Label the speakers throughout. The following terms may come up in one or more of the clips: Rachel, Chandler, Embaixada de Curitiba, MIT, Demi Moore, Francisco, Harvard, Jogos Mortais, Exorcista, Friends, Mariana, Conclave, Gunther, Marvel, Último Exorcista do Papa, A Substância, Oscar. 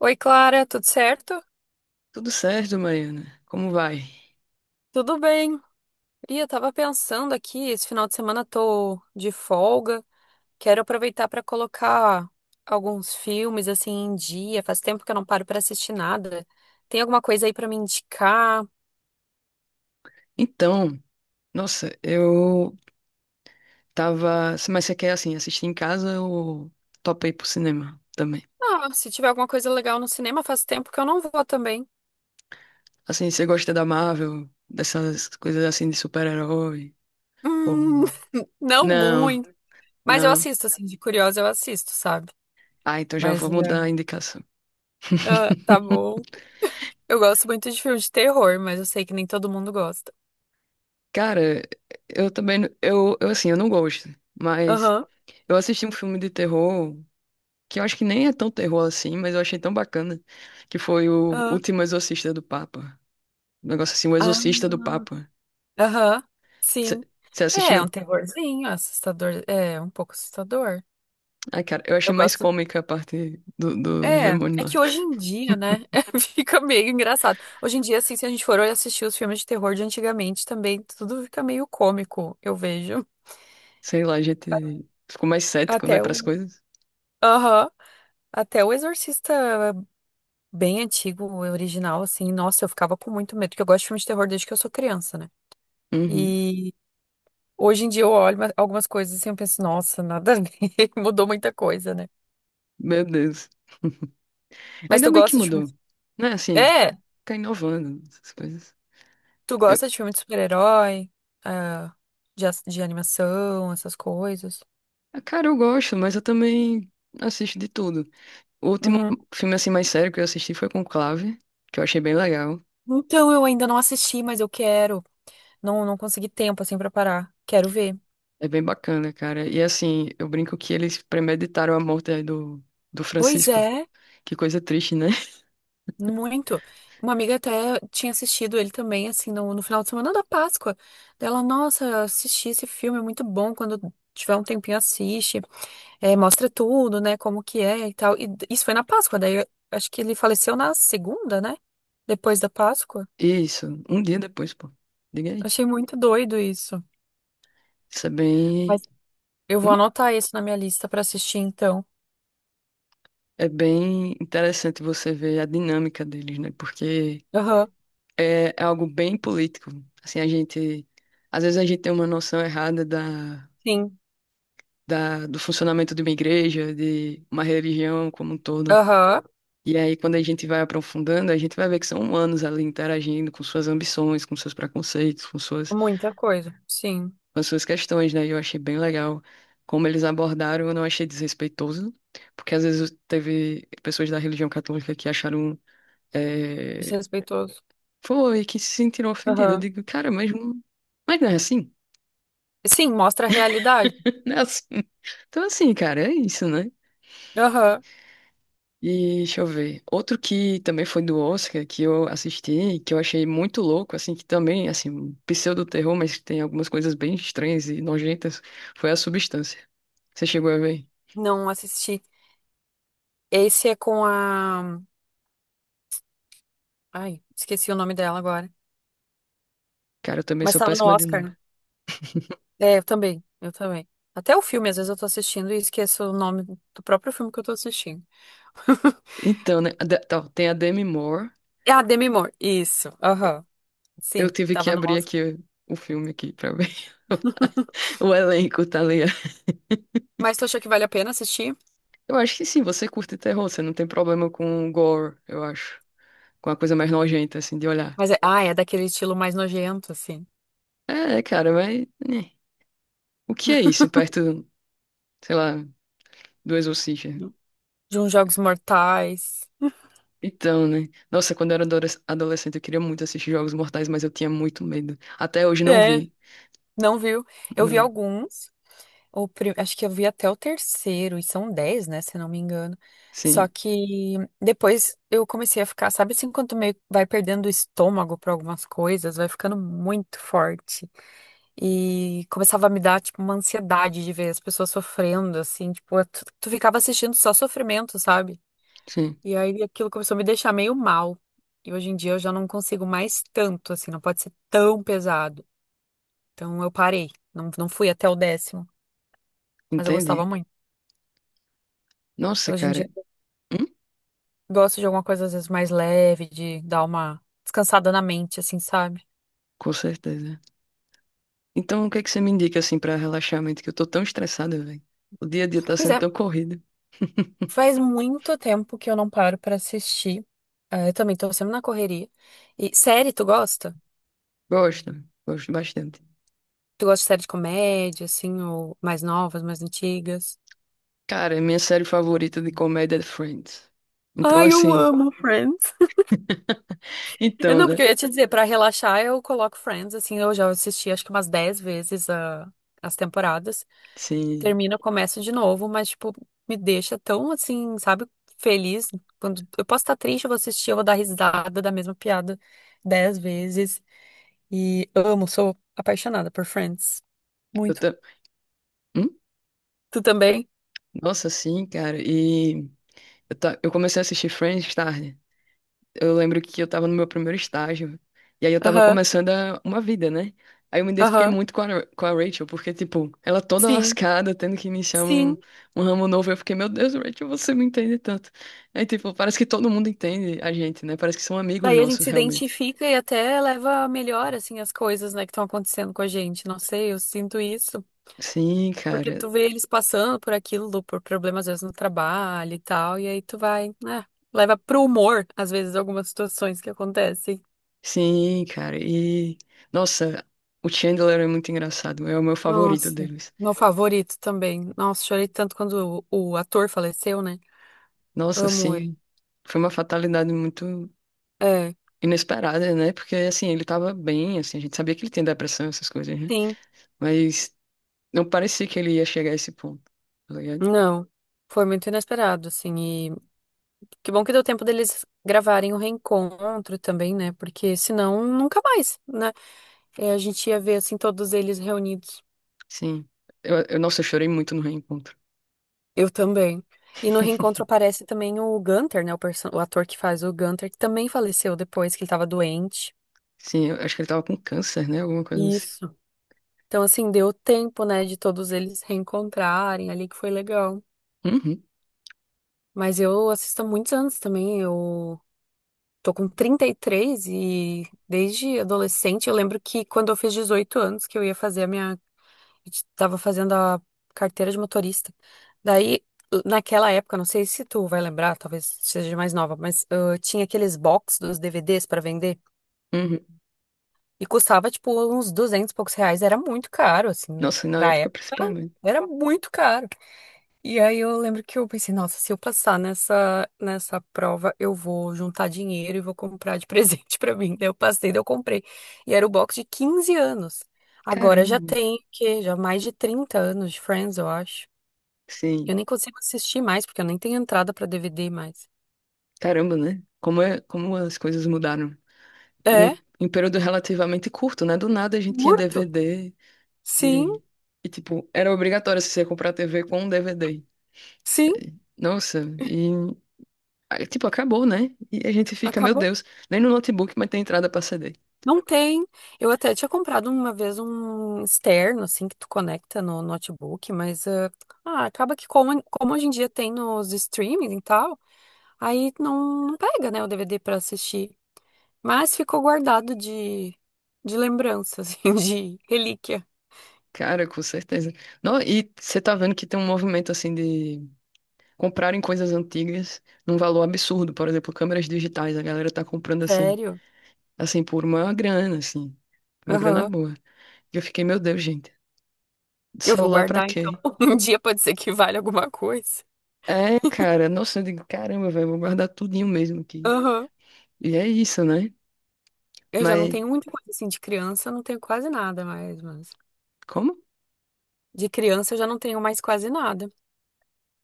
Speaker 1: Oi, Clara, tudo certo?
Speaker 2: Tudo certo, Mariana? Como vai?
Speaker 1: Tudo bem. E eu tava pensando aqui, esse final de semana tô de folga. Quero aproveitar para colocar alguns filmes assim em dia. Faz tempo que eu não paro para assistir nada. Tem alguma coisa aí para me indicar?
Speaker 2: Então, nossa, eu tava. Mas você quer, assim, assistir em casa ou topei pro cinema também?
Speaker 1: Ah, se tiver alguma coisa legal no cinema, faz tempo que eu não vou também.
Speaker 2: Assim, você gosta da Marvel, dessas coisas assim de super-herói? Ou...
Speaker 1: Hum, não
Speaker 2: Não,
Speaker 1: muito. Mas eu
Speaker 2: não.
Speaker 1: assisto, assim, de curiosa eu assisto, sabe?
Speaker 2: Ah, então já
Speaker 1: Mas
Speaker 2: vou mudar a
Speaker 1: é.
Speaker 2: indicação.
Speaker 1: Ah, tá bom. Eu gosto muito de filme de terror, mas eu sei que nem todo mundo gosta.
Speaker 2: Cara, eu também. Eu, assim, eu não gosto, mas
Speaker 1: Aham.
Speaker 2: eu assisti um filme de terror. Que eu acho que nem é tão terror assim, mas eu achei tão bacana, que foi o
Speaker 1: Aham.
Speaker 2: Último Exorcista do Papa. Um negócio assim, o
Speaker 1: Ah,
Speaker 2: Exorcista do Papa.
Speaker 1: aham, sim.
Speaker 2: Você
Speaker 1: É um
Speaker 2: assistiu?
Speaker 1: terrorzinho, assustador. É um pouco assustador.
Speaker 2: Ai, cara, eu
Speaker 1: Eu
Speaker 2: achei mais
Speaker 1: gosto.
Speaker 2: cômica a parte dos
Speaker 1: É,
Speaker 2: demônios
Speaker 1: é
Speaker 2: lá.
Speaker 1: que hoje em dia, né? Fica meio engraçado. Hoje em dia, assim, se a gente for assistir os filmes de terror de antigamente também, tudo fica meio cômico, eu vejo.
Speaker 2: Sei lá, a gente ficou mais cético, né,
Speaker 1: Até
Speaker 2: pras
Speaker 1: o.
Speaker 2: coisas.
Speaker 1: Aham. Até o Exorcista bem antigo, o original, assim, nossa, eu ficava com muito medo, porque eu gosto de filmes de terror desde que eu sou criança, né?
Speaker 2: Uhum.
Speaker 1: E hoje em dia eu olho algumas coisas assim, eu penso, nossa, nada a ver, mudou muita coisa, né?
Speaker 2: Meu Deus.
Speaker 1: Mas
Speaker 2: Ainda
Speaker 1: tu
Speaker 2: bem que
Speaker 1: gosta de filme
Speaker 2: mudou.
Speaker 1: de.
Speaker 2: Né, assim,
Speaker 1: É,
Speaker 2: fica inovando essas coisas.
Speaker 1: tu
Speaker 2: Eu,
Speaker 1: gosta de filme de super-herói, ah, de animação, essas coisas.
Speaker 2: ah, cara, eu gosto, mas eu também assisto de tudo. O último
Speaker 1: Uhum.
Speaker 2: filme, assim, mais sério que eu assisti foi Conclave, que eu achei bem legal.
Speaker 1: Então, eu ainda não assisti, mas eu quero. Não, não consegui tempo, assim, pra parar. Quero ver.
Speaker 2: É bem bacana, cara. E assim, eu brinco que eles premeditaram a morte aí do
Speaker 1: Pois
Speaker 2: Francisco.
Speaker 1: é,
Speaker 2: Que coisa triste, né?
Speaker 1: muito. Uma amiga até tinha assistido ele também, assim, no final de semana da Páscoa. Dela, nossa, assisti esse filme, é muito bom. Quando tiver um tempinho, assiste. É, mostra tudo, né? Como que é e tal. Isso foi na Páscoa, daí eu acho que ele faleceu na segunda, né? Depois da Páscoa.
Speaker 2: Isso, um dia depois, pô. Diga aí.
Speaker 1: Achei muito doido isso.
Speaker 2: Isso é bem.
Speaker 1: Mas eu vou
Speaker 2: Hum?
Speaker 1: anotar isso na minha lista pra assistir, então.
Speaker 2: É bem interessante você ver a dinâmica deles, né? Porque
Speaker 1: Aham,
Speaker 2: é algo bem político. Assim, a gente. Às vezes a gente tem uma noção errada
Speaker 1: sim.
Speaker 2: da, do funcionamento de uma igreja, de uma religião como um todo.
Speaker 1: Aham,
Speaker 2: E aí, quando a gente vai aprofundando, a gente vai ver que são humanos ali interagindo com suas ambições, com seus preconceitos, com suas
Speaker 1: muita coisa. Sim,
Speaker 2: as suas questões, né? E eu achei bem legal como eles abordaram, eu não achei desrespeitoso, porque às vezes teve pessoas da religião católica que acharam, é,
Speaker 1: desrespeitoso.
Speaker 2: foi, que se sentiram ofendidas. Eu
Speaker 1: Aham.
Speaker 2: digo, cara, mas não é assim,
Speaker 1: Sim, mostra a realidade.
Speaker 2: não é assim. Então, assim, cara, é isso, né?
Speaker 1: Aham,
Speaker 2: E deixa eu ver. Outro que também foi do Oscar, que eu assisti, que eu achei muito louco, assim, que também, assim, um pseudo-terror, mas que tem algumas coisas bem estranhas e nojentas, foi A Substância. Você chegou a ver?
Speaker 1: não assisti. Esse é com a. Ai, esqueci o nome dela agora.
Speaker 2: Cara, eu também
Speaker 1: Mas
Speaker 2: sou
Speaker 1: tava no
Speaker 2: péssima de
Speaker 1: Oscar,
Speaker 2: nome.
Speaker 1: né? É, eu também, eu também. Até o filme, às vezes eu tô assistindo e esqueço o nome do próprio filme que eu tô assistindo.
Speaker 2: Então, né? Tem a Demi Moore.
Speaker 1: Ah, Demi Moore. Isso. Aham.
Speaker 2: Eu
Speaker 1: Sim,
Speaker 2: tive que
Speaker 1: tava no
Speaker 2: abrir
Speaker 1: Oscar.
Speaker 2: aqui o filme aqui pra ver o elenco, tá ali.
Speaker 1: Mas tu achou que vale a pena assistir?
Speaker 2: Eu acho que sim, você curte terror, você não tem problema com o gore, eu acho. Com a coisa mais nojenta, assim, de olhar.
Speaker 1: Mas é, ah, é daquele estilo mais nojento, assim.
Speaker 2: É, cara, mas, né, o que é isso perto, sei lá, do Exorcista?
Speaker 1: De uns Jogos Mortais.
Speaker 2: Então, né? Nossa, quando eu era adolescente, eu queria muito assistir Jogos Mortais, mas eu tinha muito medo. Até hoje não
Speaker 1: É,
Speaker 2: vi.
Speaker 1: não viu? Eu vi
Speaker 2: Não.
Speaker 1: alguns. Acho que eu vi até o terceiro, e são 10, né, se eu não me engano. Só
Speaker 2: Sim,
Speaker 1: que depois eu comecei a ficar, sabe, assim, quando tu meio vai perdendo o estômago para algumas coisas, vai ficando muito forte. E começava a me dar, tipo, uma ansiedade de ver as pessoas sofrendo, assim, tipo, tu ficava assistindo só sofrimento, sabe?
Speaker 2: sim.
Speaker 1: E aí aquilo começou a me deixar meio mal. E hoje em dia eu já não consigo mais tanto, assim, não pode ser tão pesado. Então eu parei, não, não fui até o 10º, mas eu gostava
Speaker 2: Entende?
Speaker 1: muito. E
Speaker 2: Nossa,
Speaker 1: hoje em
Speaker 2: cara.
Speaker 1: dia
Speaker 2: Hum?
Speaker 1: gosto de alguma coisa, às vezes, mais leve, de dar uma descansada na mente, assim, sabe?
Speaker 2: Com certeza. Então, o que é que você me indica assim pra relaxamento? Que eu tô tão estressada, velho. O dia a dia tá
Speaker 1: Pois
Speaker 2: sendo
Speaker 1: é,
Speaker 2: tão corrido.
Speaker 1: faz muito tempo que eu não paro pra assistir. Eu também tô sempre na correria. E série, tu gosta?
Speaker 2: Gosto, gosto bastante.
Speaker 1: Tu gosta de série de comédia, assim, ou mais novas, mais antigas?
Speaker 2: Cara, é minha série favorita de comédia é Friends. Então,
Speaker 1: Ai, eu
Speaker 2: assim.
Speaker 1: amo Friends. Eu
Speaker 2: Então,
Speaker 1: não,
Speaker 2: né?
Speaker 1: porque eu ia te dizer, pra relaxar eu coloco Friends, assim, eu já assisti acho que umas 10 vezes as temporadas.
Speaker 2: Sim.
Speaker 1: Termina, começa de novo, mas, tipo, me deixa tão assim, sabe, feliz. Quando eu posso estar triste, eu vou assistir, eu vou dar risada da mesma piada 10 vezes. E amo, sou apaixonada por Friends.
Speaker 2: Eu
Speaker 1: Muito.
Speaker 2: tô. Hum?
Speaker 1: Tu também?
Speaker 2: Nossa, sim, cara. E eu, tá... eu comecei a assistir Friends tarde. Eu lembro que eu tava no meu primeiro estágio. E aí eu tava
Speaker 1: Aham,
Speaker 2: uma vida, né? Aí eu me identifiquei
Speaker 1: aham.
Speaker 2: muito com a, com a Rachel, porque, tipo, ela toda
Speaker 1: Sim,
Speaker 2: lascada, tendo que iniciar
Speaker 1: sim.
Speaker 2: um, um ramo novo. Eu fiquei, meu Deus, Rachel, você me entende tanto. Aí, tipo, parece que todo mundo entende a gente, né? Parece que são amigos
Speaker 1: Daí a gente
Speaker 2: nossos,
Speaker 1: se
Speaker 2: realmente.
Speaker 1: identifica e até leva a melhor, assim, as coisas, né, que estão acontecendo com a gente. Não sei, eu sinto isso.
Speaker 2: Sim,
Speaker 1: Porque
Speaker 2: cara.
Speaker 1: tu vê eles passando por aquilo, por problemas às vezes no trabalho e tal, e aí tu vai, né, leva pro humor, às vezes, algumas situações que acontecem.
Speaker 2: Sim, cara. E, nossa, o Chandler é muito engraçado. É o meu favorito
Speaker 1: Nossa,
Speaker 2: deles.
Speaker 1: meu favorito também. Nossa, chorei tanto quando o ator faleceu, né?
Speaker 2: Nossa,
Speaker 1: Amo ele.
Speaker 2: sim. Foi uma fatalidade muito
Speaker 1: É,
Speaker 2: inesperada, né? Porque assim, ele tava bem, assim, a gente sabia que ele tem depressão, essas coisas, né?
Speaker 1: sim,
Speaker 2: Mas não parecia que ele ia chegar a esse ponto, tá ligado?
Speaker 1: não. Foi muito inesperado, assim, e que bom que deu tempo deles gravarem o reencontro também, né? Porque senão nunca mais, né? É, a gente ia ver, assim, todos eles reunidos.
Speaker 2: Sim. Eu, nossa, eu chorei muito no reencontro.
Speaker 1: Eu também. E no reencontro aparece também o Gunther, né? O ator que faz o Gunther, que também faleceu depois que ele tava doente.
Speaker 2: Sim, eu acho que ele tava com câncer, né? Alguma coisa assim.
Speaker 1: Isso. Então, assim, deu tempo, né, de todos eles reencontrarem ali, que foi legal.
Speaker 2: Uhum,
Speaker 1: Mas eu assisto há muitos anos também. Eu tô com 33 e desde adolescente eu lembro que quando eu fiz 18 anos que eu ia fazer a minha, estava fazendo a carteira de motorista. Daí, naquela época, não sei se tu vai lembrar, talvez seja mais nova, mas tinha aqueles box dos DVDs para vender
Speaker 2: uhum.
Speaker 1: e custava tipo uns 200 e poucos reais, era muito caro assim
Speaker 2: Nossa, na
Speaker 1: pra
Speaker 2: época
Speaker 1: época.
Speaker 2: principalmente.
Speaker 1: Era muito caro. E aí eu lembro que eu pensei, nossa, se eu passar nessa prova, eu vou juntar dinheiro e vou comprar de presente pra mim. Daí eu passei, daí eu comprei. E era o box de 15 anos. Agora já
Speaker 2: Caramba.
Speaker 1: tem, o quê? Já mais de 30 anos de Friends, eu acho.
Speaker 2: Sim.
Speaker 1: Eu nem consigo assistir mais, porque eu nem tenho entrada pra DVD mais.
Speaker 2: Caramba, né? Como é, como as coisas mudaram. Em um,
Speaker 1: É,
Speaker 2: em um período relativamente curto, né? Do nada a gente tinha
Speaker 1: curto.
Speaker 2: DVD
Speaker 1: Sim,
Speaker 2: e, e tipo, era obrigatório você comprar TV com um DVD.
Speaker 1: sim,
Speaker 2: Nossa, e aí, tipo, acabou, né? E a gente fica, meu
Speaker 1: acabou.
Speaker 2: Deus, nem no notebook, mas tem entrada pra CD.
Speaker 1: Não tem. Eu até tinha comprado uma vez um externo, assim, que tu conecta no notebook, mas acaba que, como hoje em dia tem nos streaming e tal, aí não pega, né, o DVD pra assistir. Mas ficou guardado de lembrança, assim, de relíquia.
Speaker 2: Cara, com certeza. Não, e você tá vendo que tem um movimento assim de comprarem coisas antigas num valor absurdo. Por exemplo, câmeras digitais, a galera tá comprando assim,
Speaker 1: Sério?
Speaker 2: assim, por uma grana, assim, uma grana
Speaker 1: Aham.
Speaker 2: boa. E eu fiquei, meu Deus, gente,
Speaker 1: Eu vou
Speaker 2: celular pra
Speaker 1: guardar, então.
Speaker 2: quê?
Speaker 1: Um dia pode ser que valha alguma coisa.
Speaker 2: É, cara, nossa, eu digo, caramba, velho, vou guardar tudinho mesmo aqui.
Speaker 1: Aham.
Speaker 2: E é isso, né?
Speaker 1: Eu já não
Speaker 2: Mas
Speaker 1: tenho muita coisa assim de criança, eu não tenho quase nada mais, mas
Speaker 2: como?
Speaker 1: de criança eu já não tenho mais quase nada.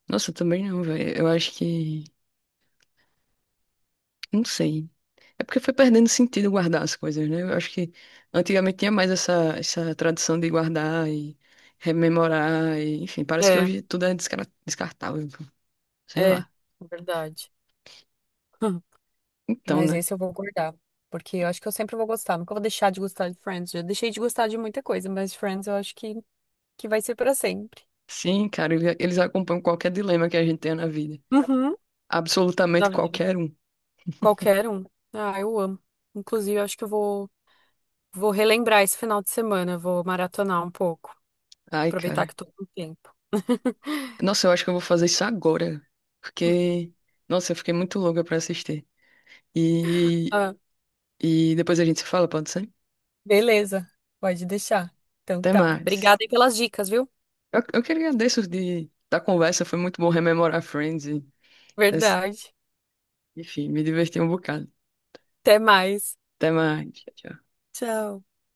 Speaker 2: Nossa, eu também não, velho. Eu acho que. Não sei. É porque foi perdendo sentido guardar as coisas, né? Eu acho que antigamente tinha mais essa, essa tradição de guardar e rememorar, e, enfim, parece que
Speaker 1: É,
Speaker 2: hoje tudo é descartável, sei
Speaker 1: é,
Speaker 2: lá.
Speaker 1: verdade.
Speaker 2: Então,
Speaker 1: Mas
Speaker 2: né?
Speaker 1: esse eu vou guardar, porque eu acho que eu sempre vou gostar, nunca vou deixar de gostar de Friends. Já deixei de gostar de muita coisa, mas Friends eu acho que vai ser pra sempre.
Speaker 2: Sim, cara, eles acompanham qualquer dilema que a gente tenha na vida.
Speaker 1: Uhum, na
Speaker 2: Absolutamente
Speaker 1: vida.
Speaker 2: qualquer um.
Speaker 1: Qualquer um. Ah, eu amo. Inclusive, eu acho que eu vou relembrar esse final de semana, vou maratonar um pouco,
Speaker 2: Ai,
Speaker 1: aproveitar
Speaker 2: cara.
Speaker 1: que tô com tempo.
Speaker 2: Nossa, eu acho que eu vou fazer isso agora, porque, nossa, eu fiquei muito louca pra assistir. E,
Speaker 1: Ah,
Speaker 2: e depois a gente se fala, pode ser?
Speaker 1: beleza, pode deixar. Então
Speaker 2: Até
Speaker 1: tá.
Speaker 2: mais.
Speaker 1: Obrigada aí pelas dicas, viu?
Speaker 2: Eu que agradeço da conversa, foi muito bom rememorar Friends. E,
Speaker 1: Verdade.
Speaker 2: enfim, me diverti um bocado.
Speaker 1: Até mais.
Speaker 2: Até mais. Tchau, tchau.
Speaker 1: Tchau.